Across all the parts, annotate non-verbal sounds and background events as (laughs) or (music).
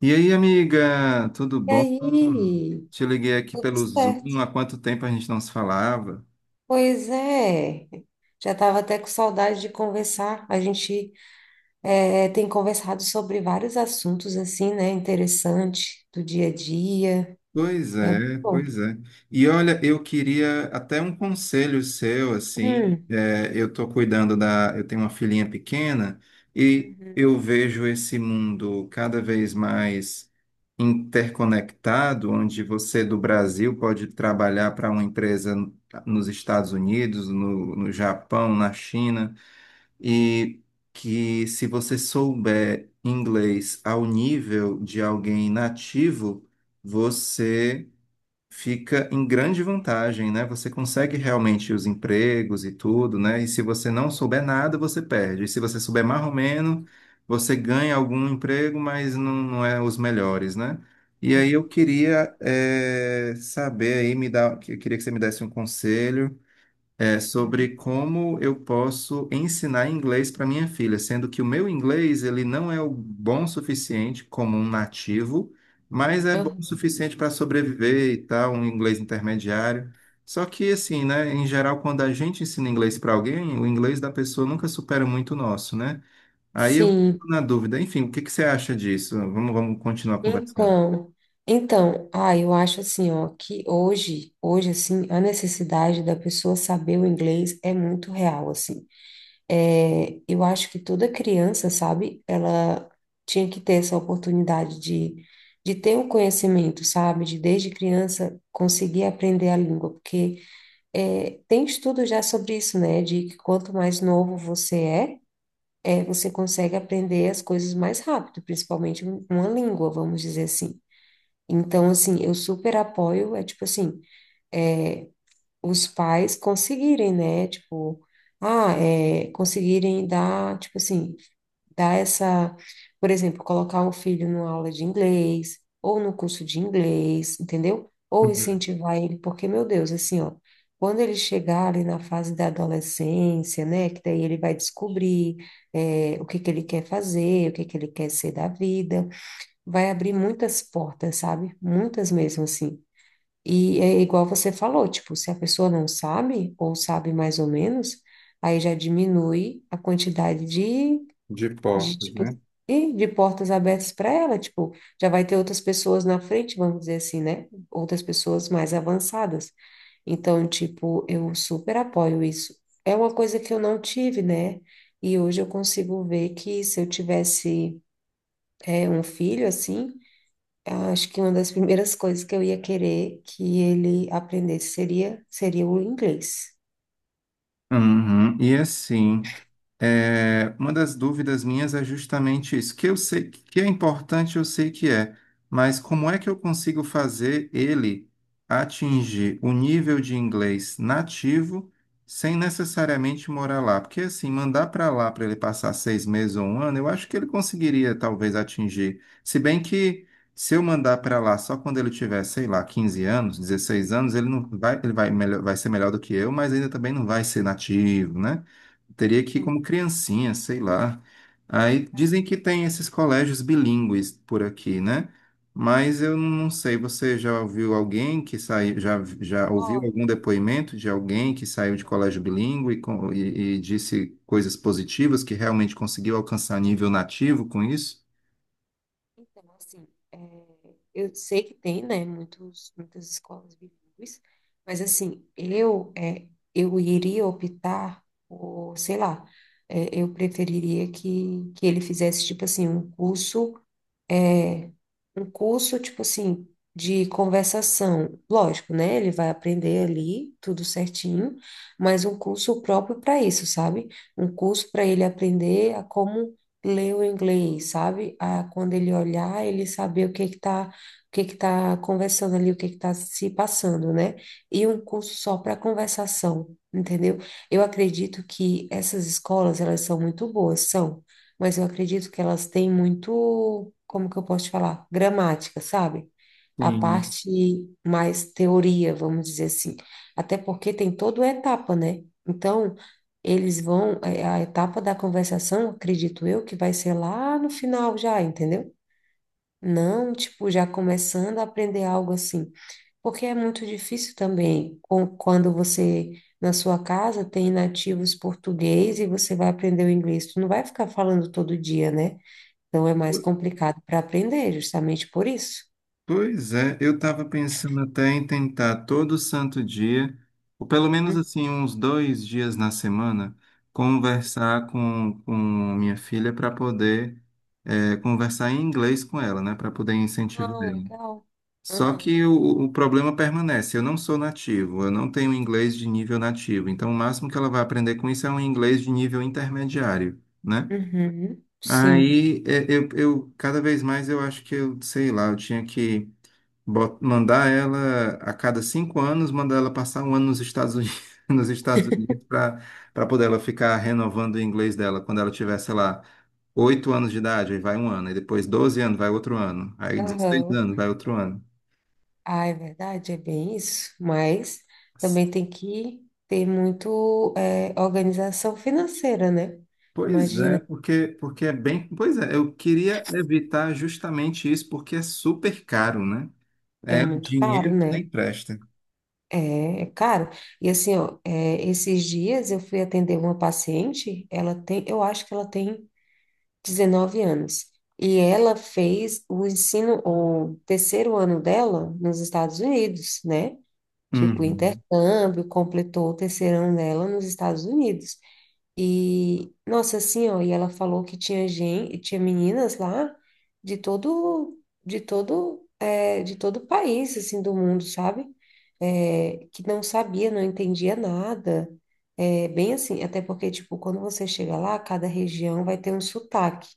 E aí, amiga, tudo E bom? aí, Te liguei aqui tudo pelo Zoom, há certo. quanto tempo a gente não se falava? Pois é, já estava até com saudade de conversar. A gente tem conversado sobre vários assuntos assim, né? Interessante do dia a dia. Pois É muito é, bom. pois é. E olha, eu queria até um conselho seu, assim, Hum, eu estou cuidando da, eu tenho uma filhinha pequena e uhum, eu vejo esse mundo cada vez mais interconectado, onde você do Brasil pode trabalhar para uma empresa nos Estados Unidos, no Japão, na China. E que se você souber inglês ao nível de alguém nativo, você fica em grande vantagem, né? Você consegue realmente os empregos e tudo, né? E se você não souber nada, você perde. E se você souber marromeno, você ganha algum emprego, mas não, não é os melhores, né? E aí uhum, eu queria saber aí, me dar, eu queria que você me desse um conselho uhum, sobre como eu posso ensinar inglês para minha filha, sendo que o meu inglês ele não é o bom o suficiente como um nativo, mas é bom o uhum. suficiente para sobreviver e tal, um inglês intermediário. Só que assim, né, em geral, quando a gente ensina inglês para alguém, o inglês da pessoa nunca supera muito o nosso, né? Aí eu fico Sim, na dúvida. Enfim, o que que você acha disso? Vamos, vamos continuar conversando. então, então, ah, eu acho assim, ó, que hoje, hoje assim, a necessidade da pessoa saber o inglês é muito real, assim. É, eu acho que toda criança, sabe, ela tinha que ter essa oportunidade de ter o conhecimento, sabe, de desde criança conseguir aprender a língua, porque tem estudo já sobre isso, né, de que quanto mais novo você é, você consegue aprender as coisas mais rápido, principalmente uma língua, vamos dizer assim. Então, assim, eu super apoio, é tipo assim, é, os pais conseguirem, né? Tipo, conseguirem dar, tipo assim, dar essa, por exemplo, colocar o filho numa aula de inglês, ou no curso de inglês, entendeu? Ou Uhum. incentivar ele, porque, meu Deus, assim, ó, quando ele chegar ali na fase da adolescência, né? Que daí ele vai descobrir o que que ele quer fazer, o que que ele quer ser da vida, vai abrir muitas portas, sabe? Muitas mesmo, assim. E é igual você falou, tipo, se a pessoa não sabe, ou sabe mais ou menos, aí já diminui a quantidade De de portas, tipo, né? e de portas abertas para ela, tipo, já vai ter outras pessoas na frente, vamos dizer assim, né? Outras pessoas mais avançadas. Então, tipo, eu super apoio isso. É uma coisa que eu não tive, né? E hoje eu consigo ver que se eu tivesse, um filho assim. Acho que uma das primeiras coisas que eu ia querer que ele aprendesse seria, o inglês. Uhum. E assim, é, uma das dúvidas minhas é justamente isso, que eu sei que é importante, eu sei que é, mas como é que eu consigo fazer ele atingir o nível de inglês nativo sem necessariamente morar lá? Porque assim, mandar para lá para ele passar 6 meses ou 1 ano, eu acho que ele conseguiria talvez atingir. Se bem que se eu mandar para lá só quando ele tiver, sei lá, 15 anos, 16 anos, ele não vai, ele vai, melhor, vai ser melhor do que eu, mas ainda também não vai ser nativo, né? Teria que ir Sim, como criancinha, sei lá. Aí cara. dizem que tem esses colégios bilíngues por aqui, né? Mas eu não sei, você já ouviu alguém que saiu, já, já ouviu algum Olha, depoimento de alguém que saiu de então, colégio bilíngue e disse coisas positivas, que realmente conseguiu alcançar nível nativo com isso? então assim, é, eu sei que tem, né, muitos, muitas escolas bilíngues, mas assim, eu, eu iria optar por, sei lá, eu preferiria que, ele fizesse, tipo assim, é, um curso, tipo assim, de conversação. Lógico, né? Ele vai aprender ali tudo certinho, mas um curso próprio para isso, sabe? Um curso para ele aprender a como ler o inglês, sabe? A quando ele olhar, ele saber o que que tá, o que que tá conversando ali, o que que tá se passando, né? E um curso só para conversação, entendeu? Eu acredito que essas escolas, elas são muito boas, são, mas eu acredito que elas têm muito, como que eu posso te falar? Gramática, sabe? A Sim. parte mais teoria, vamos dizer assim. Até porque tem toda a etapa, né? Então, eles vão, a etapa da conversação, acredito eu, que vai ser lá no final já, entendeu? Não, tipo, já começando a aprender algo assim. Porque é muito difícil também quando você, na sua casa, tem nativos português e você vai aprender o inglês. Tu não vai ficar falando todo dia, né? Então é mais complicado para aprender, justamente por isso. Pois é, eu estava pensando até em tentar todo santo dia, ou pelo menos Hum. assim, uns dois dias na semana, Sim. conversar com minha filha para poder conversar em inglês com ela, né? Para poder incentivar Ah, ela. legal. Só Aham. que o problema permanece, eu não sou nativo, eu não tenho inglês de nível nativo, então o máximo que ela vai aprender com isso é um inglês de nível intermediário. Né? Uhum. Sim. Aí é, eu cada vez mais eu acho que eu, sei lá, eu tinha que mandar ela a cada 5 anos, mandar ela passar 1 ano nos Estados Unidos, (laughs) nos Estados Unidos para poder ela ficar renovando o inglês dela quando ela tivesse sei lá, 8 anos de idade, aí vai 1 ano, aí depois 12 anos, vai outro ano, aí dezesseis Aham. anos, vai outro ano. Ah, é verdade, é bem isso. Mas também tem que ter muito organização financeira, né? Pois é, Imagina, porque, porque é bem. Pois é, eu queria evitar justamente isso, porque é super caro, né? é É um muito caro, dinheiro que né? nem presta. É, é caro. E assim, ó, esses dias eu fui atender uma paciente, eu acho que ela tem 19 anos. E ela fez o terceiro ano dela nos Estados Unidos, né? Tipo, Uhum. intercâmbio, completou o terceiro ano dela nos Estados Unidos. E, nossa, assim, ó, e ela falou que tinha gente, tinha meninas lá de todo, de todo o país, assim, do mundo, sabe? É, que não sabia, não entendia nada. É, bem assim, até porque, tipo, quando você chega lá, cada região vai ter um sotaque.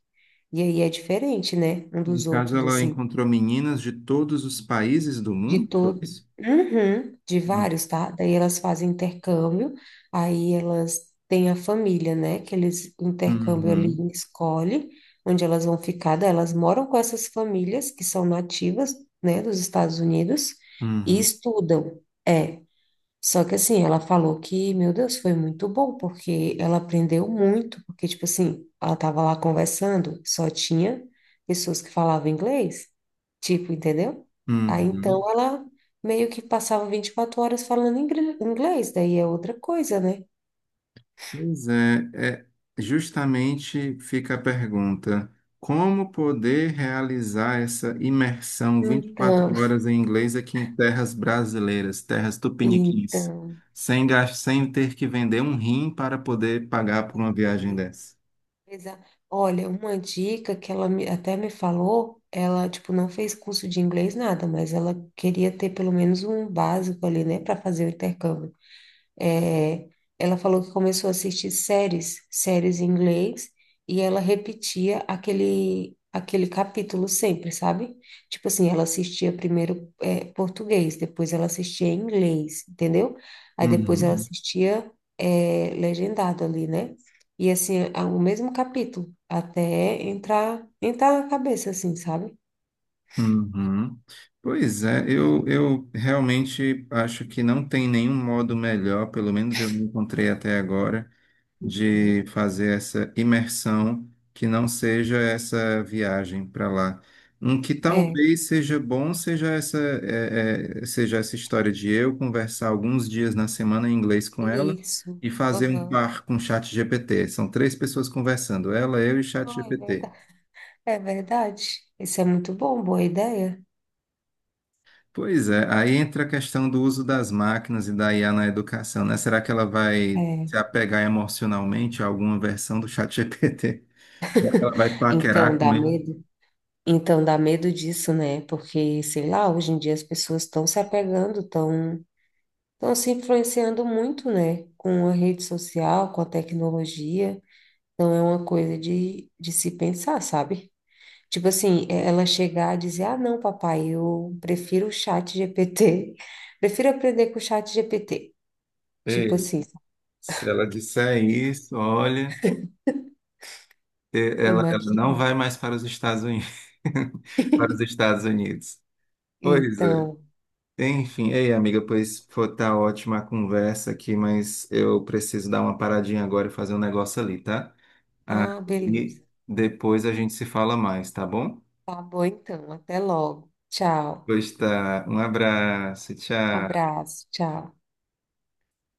E aí é diferente, né, um No dos caso, outros, ela assim. encontrou meninas de todos os países do De mundo, foi todo, isso? Uhum, de Hum, vários, tá? Daí elas fazem intercâmbio, aí elas têm a família, né? Que eles intercâmbio ali uhum, escolhe onde elas vão ficar. Daí elas moram com essas famílias que são nativas, né, dos Estados Unidos e uhum, estudam. É, só que assim, ela falou que, meu Deus, foi muito bom, porque ela aprendeu muito, porque, tipo assim, ela tava lá conversando, só tinha pessoas que falavam inglês, tipo, entendeu? Aí então uhum. ela meio que passava 24 horas falando inglês, daí é outra coisa, né? Pois é, é, justamente fica a pergunta: como poder realizar essa imersão Então, 24 (laughs) horas em inglês aqui em terras brasileiras, terras tupiniquins, então, sem ter que vender um rim para poder pagar por para uma viagem poder dessa? Exa- Olha, uma dica que ela até me falou, ela, tipo, não fez curso de inglês, nada, mas ela queria ter pelo menos um básico ali, né, para fazer o intercâmbio. É, ela falou que começou a assistir séries em inglês, e ela repetia aquele capítulo sempre, sabe? Tipo assim, ela assistia primeiro, é, português, depois ela assistia em inglês, entendeu? Aí depois ela Uhum. assistia, legendado ali, né? E assim, a- o mesmo capítulo, até entrar na cabeça, assim, sabe? Uhum. Pois é, eu realmente acho que não tem nenhum modo melhor, pelo menos eu não encontrei até agora, Uhum. de fazer essa imersão que não seja essa viagem para lá. Um que É, talvez seja bom seja essa, seja essa história de eu conversar alguns dias na semana em inglês com ela isso. e fazer um Aham. par com o chat GPT. São três pessoas conversando, ela, eu e o chat Ai, GPT. verdade. É verdade. Isso é muito bom, boa ideia. Pois é, aí entra a questão do uso das máquinas e da IA na educação, né? Será que ela vai É. se apegar emocionalmente a alguma versão do ChatGPT? (laughs) Será que ela vai Então paquerar com dá ele? medo. Então dá medo disso, né? Porque, sei lá, hoje em dia as pessoas estão se apegando, estão se influenciando muito, né? Com a rede social, com a tecnologia. Então é uma coisa de se pensar, sabe? Tipo assim, ela chegar a dizer, ah, não, papai, eu prefiro o chat GPT, (laughs) prefiro aprender com o chat GPT. Tipo Ei, assim, se ela disser isso, olha, ela, ela não imagina. vai mais para os Estados Unidos. (laughs) Para os Estados Unidos. Pois Então, é. Enfim, ei, amiga, pois foi tá ótima a conversa aqui, mas eu preciso dar uma paradinha agora e fazer um negócio ali, tá? ah, beleza. Aí depois a gente se fala mais, tá bom? Tá bom, então. Até logo. Tchau. Pois tá. Um abraço, tchau. Abraço. Tchau.